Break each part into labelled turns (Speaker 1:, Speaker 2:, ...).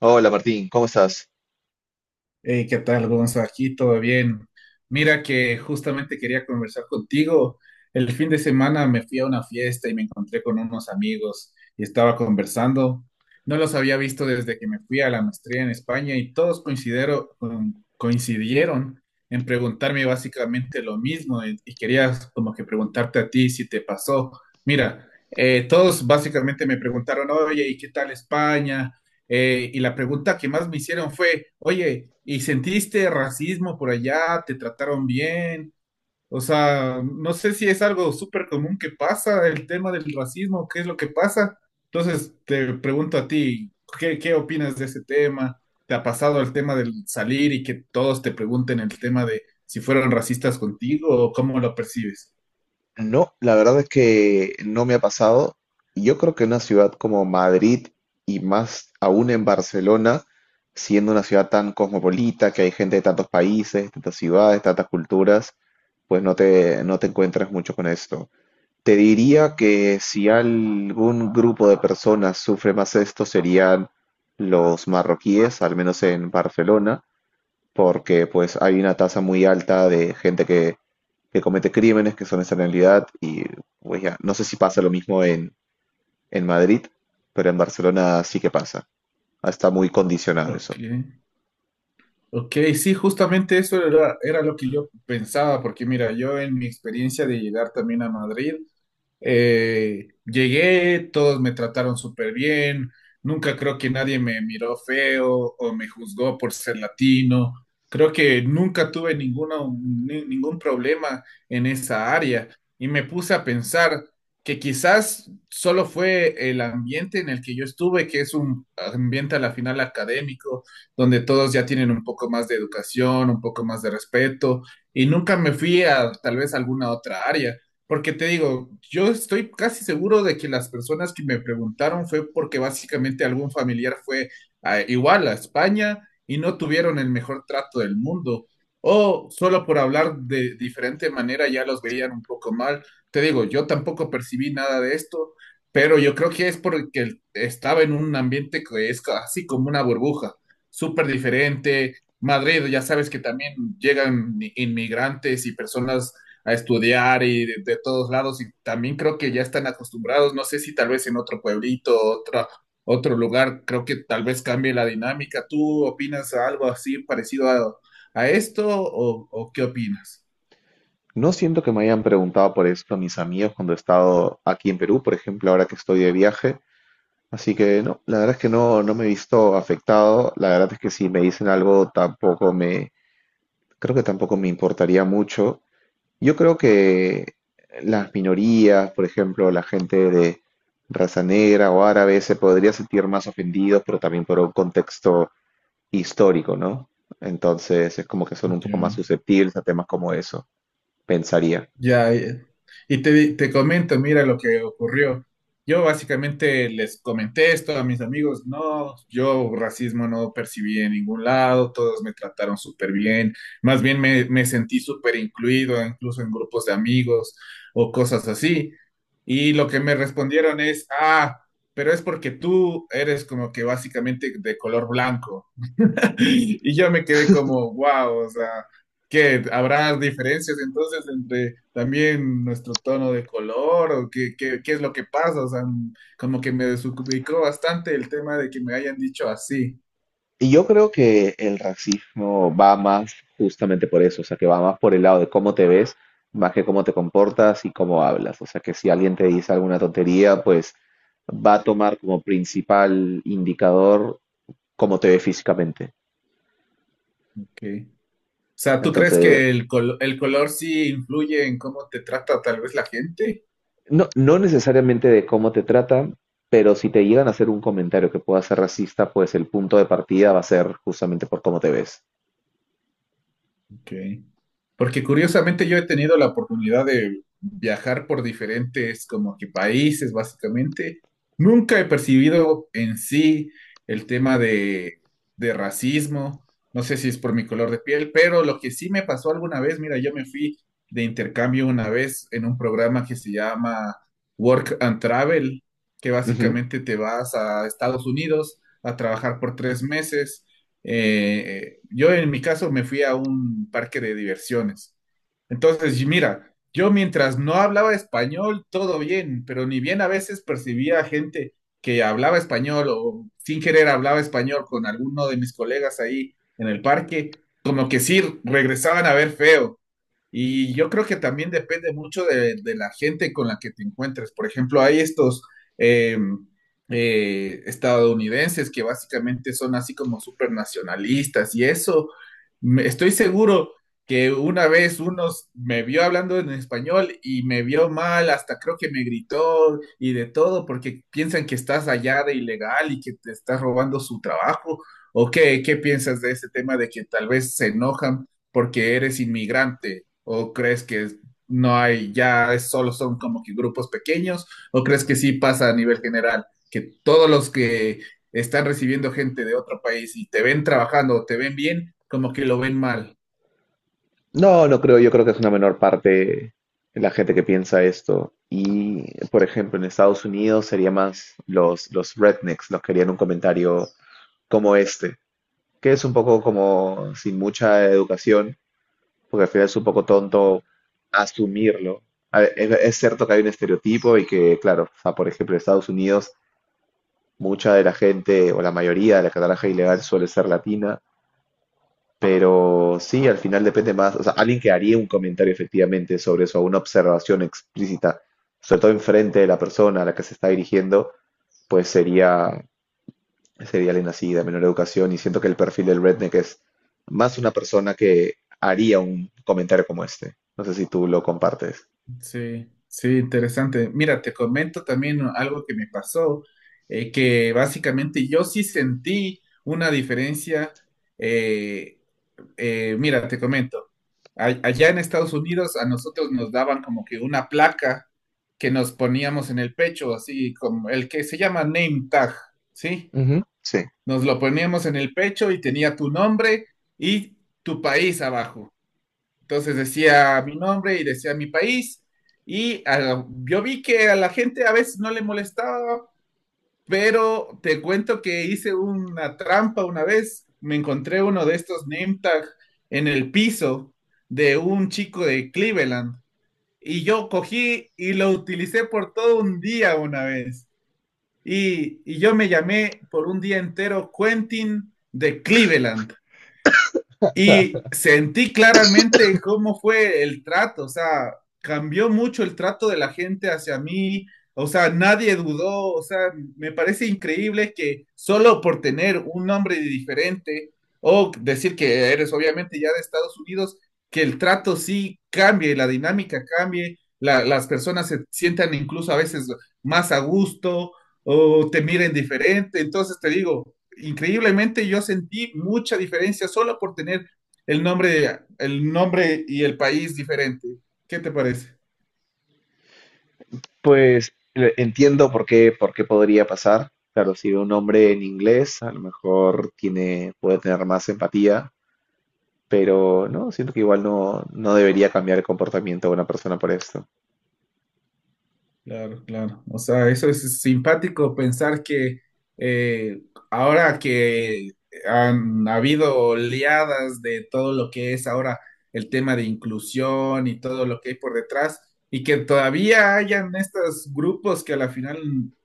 Speaker 1: Hola Martín, ¿cómo estás?
Speaker 2: Hey, ¿qué tal, Gonzo? Aquí todo bien. Mira que justamente quería conversar contigo. El fin de semana me fui a una fiesta y me encontré con unos amigos y estaba conversando. No los había visto desde que me fui a la maestría en España y todos coincidieron en preguntarme básicamente lo mismo y quería como que preguntarte a ti si te pasó. Mira, todos básicamente me preguntaron, oye, ¿y qué tal España? Y la pregunta que más me hicieron fue, oye, ¿y sentiste racismo por allá? ¿Te trataron bien? O sea, no sé si es algo súper común que pasa, el tema del racismo, qué es lo que pasa. Entonces, te pregunto a ti, ¿qué opinas de ese tema? ¿Te ha pasado el tema del salir y que todos te pregunten el tema de si fueron racistas contigo o cómo lo percibes?
Speaker 1: No, la verdad es que no me ha pasado. Yo creo que en una ciudad como Madrid y más aún en Barcelona, siendo una ciudad tan cosmopolita, que hay gente de tantos países, tantas ciudades, tantas culturas, pues no te encuentras mucho con esto. Te diría que si algún grupo de personas sufre más esto serían los marroquíes, al menos en Barcelona, porque pues hay una tasa muy alta de gente que comete crímenes que son esa realidad y pues ya, no sé si pasa lo mismo en Madrid, pero en Barcelona sí que pasa. Ah, está muy condicionado eso.
Speaker 2: Ok. Ok, sí, justamente eso era lo que yo pensaba, porque mira, yo en mi experiencia de llegar también a Madrid, llegué, todos me trataron súper bien, nunca creo que nadie me miró feo o me juzgó por ser latino. Creo que nunca tuve ninguno, ningún problema en esa área y me puse a pensar que quizás solo fue el ambiente en el que yo estuve, que es un ambiente a la final académico, donde todos ya tienen un poco más de educación, un poco más de respeto y nunca me fui a tal vez alguna otra área. Porque te digo, yo estoy casi seguro de que las personas que me preguntaron fue porque básicamente algún familiar fue igual a España y no tuvieron el mejor trato del mundo. O solo por hablar de diferente manera ya los veían un poco mal. Te digo, yo tampoco percibí nada de esto, pero yo creo que es porque estaba en un ambiente que es así como una burbuja, súper diferente. Madrid, ya sabes que también llegan inmigrantes y personas a estudiar y de todos lados, y también creo que ya están acostumbrados, no sé si tal vez en otro pueblito, otro lugar, creo que tal vez cambie la dinámica. ¿Tú opinas algo así parecido a esto o qué opinas?
Speaker 1: No siento que me hayan preguntado por esto mis amigos cuando he estado aquí en Perú, por ejemplo, ahora que estoy de viaje. Así que no, la verdad es que no, no me he visto afectado. La verdad es que si me dicen algo, tampoco me, creo que tampoco me importaría mucho. Yo creo que las minorías, por ejemplo, la gente de raza negra o árabe se podría sentir más ofendidos, pero también por un contexto histórico, ¿no? Entonces es como que son un poco más
Speaker 2: Ya.
Speaker 1: susceptibles a temas como eso, pensaría.
Speaker 2: Ya, ya. Y te comento, mira lo que ocurrió. Yo básicamente les comenté esto a mis amigos, no, yo racismo no percibí en ningún lado, todos me trataron súper bien, más bien me sentí súper incluido, incluso en grupos de amigos o cosas así. Y lo que me respondieron es, ah, pero es porque tú eres como que básicamente de color blanco. Y yo me quedé como, wow, o sea, ¿qué? ¿Habrá diferencias entonces entre también nuestro tono de color o qué es lo que pasa? O sea, como que me desubicó bastante el tema de que me hayan dicho así.
Speaker 1: Y yo creo que el racismo va más justamente por eso, o sea, que va más por el lado de cómo te ves, más que cómo te comportas y cómo hablas. O sea, que si alguien te dice alguna tontería, pues va a tomar como principal indicador cómo te ve físicamente.
Speaker 2: Ok. O sea, ¿tú crees que
Speaker 1: Entonces,
Speaker 2: el color sí influye en cómo te trata tal vez la gente?
Speaker 1: no, no necesariamente de cómo te tratan, pero si te llegan a hacer un comentario que pueda ser racista, pues el punto de partida va a ser justamente por cómo te ves.
Speaker 2: Ok. Porque curiosamente yo he tenido la oportunidad de viajar por diferentes como que países, básicamente. Nunca he percibido en sí el tema de racismo. No sé si es por mi color de piel, pero lo que sí me pasó alguna vez, mira, yo me fui de intercambio una vez en un programa que se llama Work and Travel, que
Speaker 1: Ujú.
Speaker 2: básicamente te vas a Estados Unidos a trabajar por 3 meses. Yo en mi caso me fui a un parque de diversiones. Entonces, y mira, yo mientras no hablaba español, todo bien, pero ni bien a veces percibía gente que hablaba español o sin querer hablaba español con alguno de mis colegas ahí en el parque, como que sí regresaban a ver feo. Y yo creo que también depende mucho de la gente con la que te encuentres. Por ejemplo, hay estos eh, estadounidenses que básicamente son así como súper nacionalistas y eso, estoy seguro que una vez unos me vio hablando en español y me vio mal, hasta creo que me gritó y de todo porque piensan que estás allá de ilegal y que te estás robando su trabajo. ¿O qué piensas de ese tema de que tal vez se enojan porque eres inmigrante? ¿O crees que no hay, solo son como que grupos pequeños? ¿O crees que sí pasa a nivel general, que todos los que están recibiendo gente de otro país y te ven trabajando o te ven bien, como que lo ven mal?
Speaker 1: No, no creo, yo creo que es una menor parte la gente que piensa esto. Y, por ejemplo, en Estados Unidos sería más los rednecks, los que harían un comentario como este, que es un poco como sin mucha educación, porque al final es un poco tonto asumirlo. A ver, es cierto que hay un estereotipo y que, claro, o sea, por ejemplo, en Estados Unidos, mucha de la gente o la mayoría de la que trabaja ilegal suele ser latina, pero sí, al final depende más, o sea, alguien que haría un comentario efectivamente sobre eso, una observación explícita, sobre todo enfrente de la persona a la que se está dirigiendo, pues sería alguien así de menor educación y siento que el perfil del redneck es más una persona que haría un comentario como este. No sé si tú lo compartes.
Speaker 2: Sí, sí, interesante. Mira, te comento también algo que me pasó, que básicamente yo sí sentí una diferencia. eh, Mira, te comento, allá en Estados Unidos a nosotros nos daban como que una placa que nos poníamos en el pecho, así como el que se llama name tag, ¿sí?
Speaker 1: Ujú. Sí.
Speaker 2: Nos lo poníamos en el pecho y tenía tu nombre y tu país abajo. Entonces decía mi nombre y decía mi país. Y yo vi que a la gente a veces no le molestaba, pero te cuento que hice una trampa una vez. Me encontré uno de estos name tag en el piso de un chico de Cleveland. Y yo cogí y lo utilicé por todo un día una vez. Y yo me llamé por un día entero Quentin de Cleveland. Y sentí claramente cómo fue el trato, o sea, cambió mucho el trato de la gente hacia mí, o sea, nadie dudó, o sea, me parece increíble que solo por tener un nombre diferente o decir que eres obviamente ya de Estados Unidos, que el trato sí cambie, la dinámica cambie, las personas se sientan incluso a veces más a gusto o te miren diferente. Entonces te digo, increíblemente yo sentí mucha diferencia solo por tener el nombre y el país diferente. ¿Qué te parece?
Speaker 1: Entiendo por qué podría pasar. Claro, si ve un hombre en inglés, a lo mejor tiene, puede tener más empatía, pero no, siento que igual no, no debería cambiar el comportamiento de una persona por esto.
Speaker 2: Claro, claro. O sea, eso es simpático pensar que eh, ahora que han habido oleadas de todo lo que es ahora el tema de inclusión y todo lo que hay por detrás, y que todavía hayan estos grupos que a la final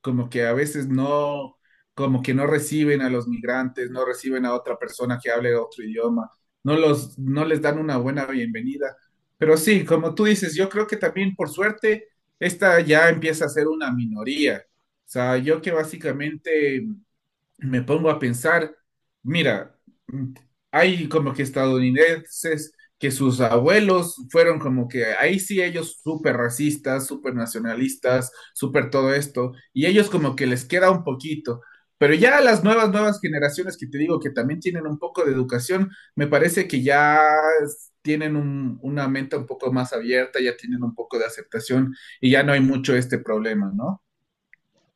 Speaker 2: como que a veces no, como que no reciben a los migrantes, no reciben a otra persona que hable otro idioma, no les dan una buena bienvenida. Pero sí, como tú dices, yo creo que también por suerte esta ya empieza a ser una minoría. O sea, yo que básicamente me pongo a pensar, mira, hay como que estadounidenses que sus abuelos fueron como que ahí sí ellos súper racistas, súper nacionalistas, súper todo esto, y ellos como que les queda un poquito. Pero ya las nuevas generaciones que te digo que también tienen un poco de educación, me parece que ya tienen una mente un poco más abierta, ya tienen un poco de aceptación y ya no hay mucho este problema, ¿no?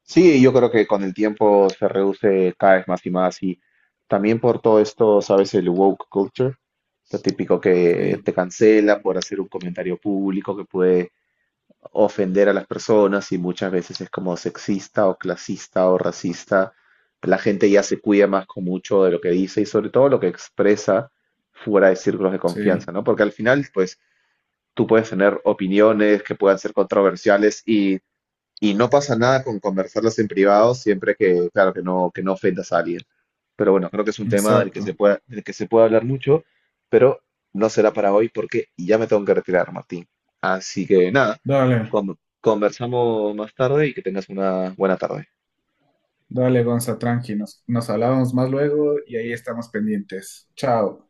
Speaker 1: Sí, yo creo que con el tiempo se reduce cada vez más y más y también por todo esto, ¿sabes? El woke culture. Lo típico que
Speaker 2: Sí,
Speaker 1: te cancela por hacer un comentario público que puede ofender a las personas y muchas veces es como sexista o clasista o racista. La gente ya se cuida más con mucho de lo que dice y sobre todo lo que expresa fuera de círculos de confianza,
Speaker 2: sí,
Speaker 1: ¿no? Porque al final, pues, tú puedes tener opiniones que puedan ser controversiales y no pasa nada con conversarlas en privado siempre que, claro, que no ofendas a alguien. Pero bueno, creo que es un tema
Speaker 2: exacto.
Speaker 1: del que se puede hablar mucho, pero no será para hoy porque ya me tengo que retirar, Martín. Así que nada,
Speaker 2: Dale.
Speaker 1: conversamos más tarde y que tengas una buena tarde.
Speaker 2: Dale, Gonza, tranqui, nos hablamos más luego y ahí estamos pendientes. Chao.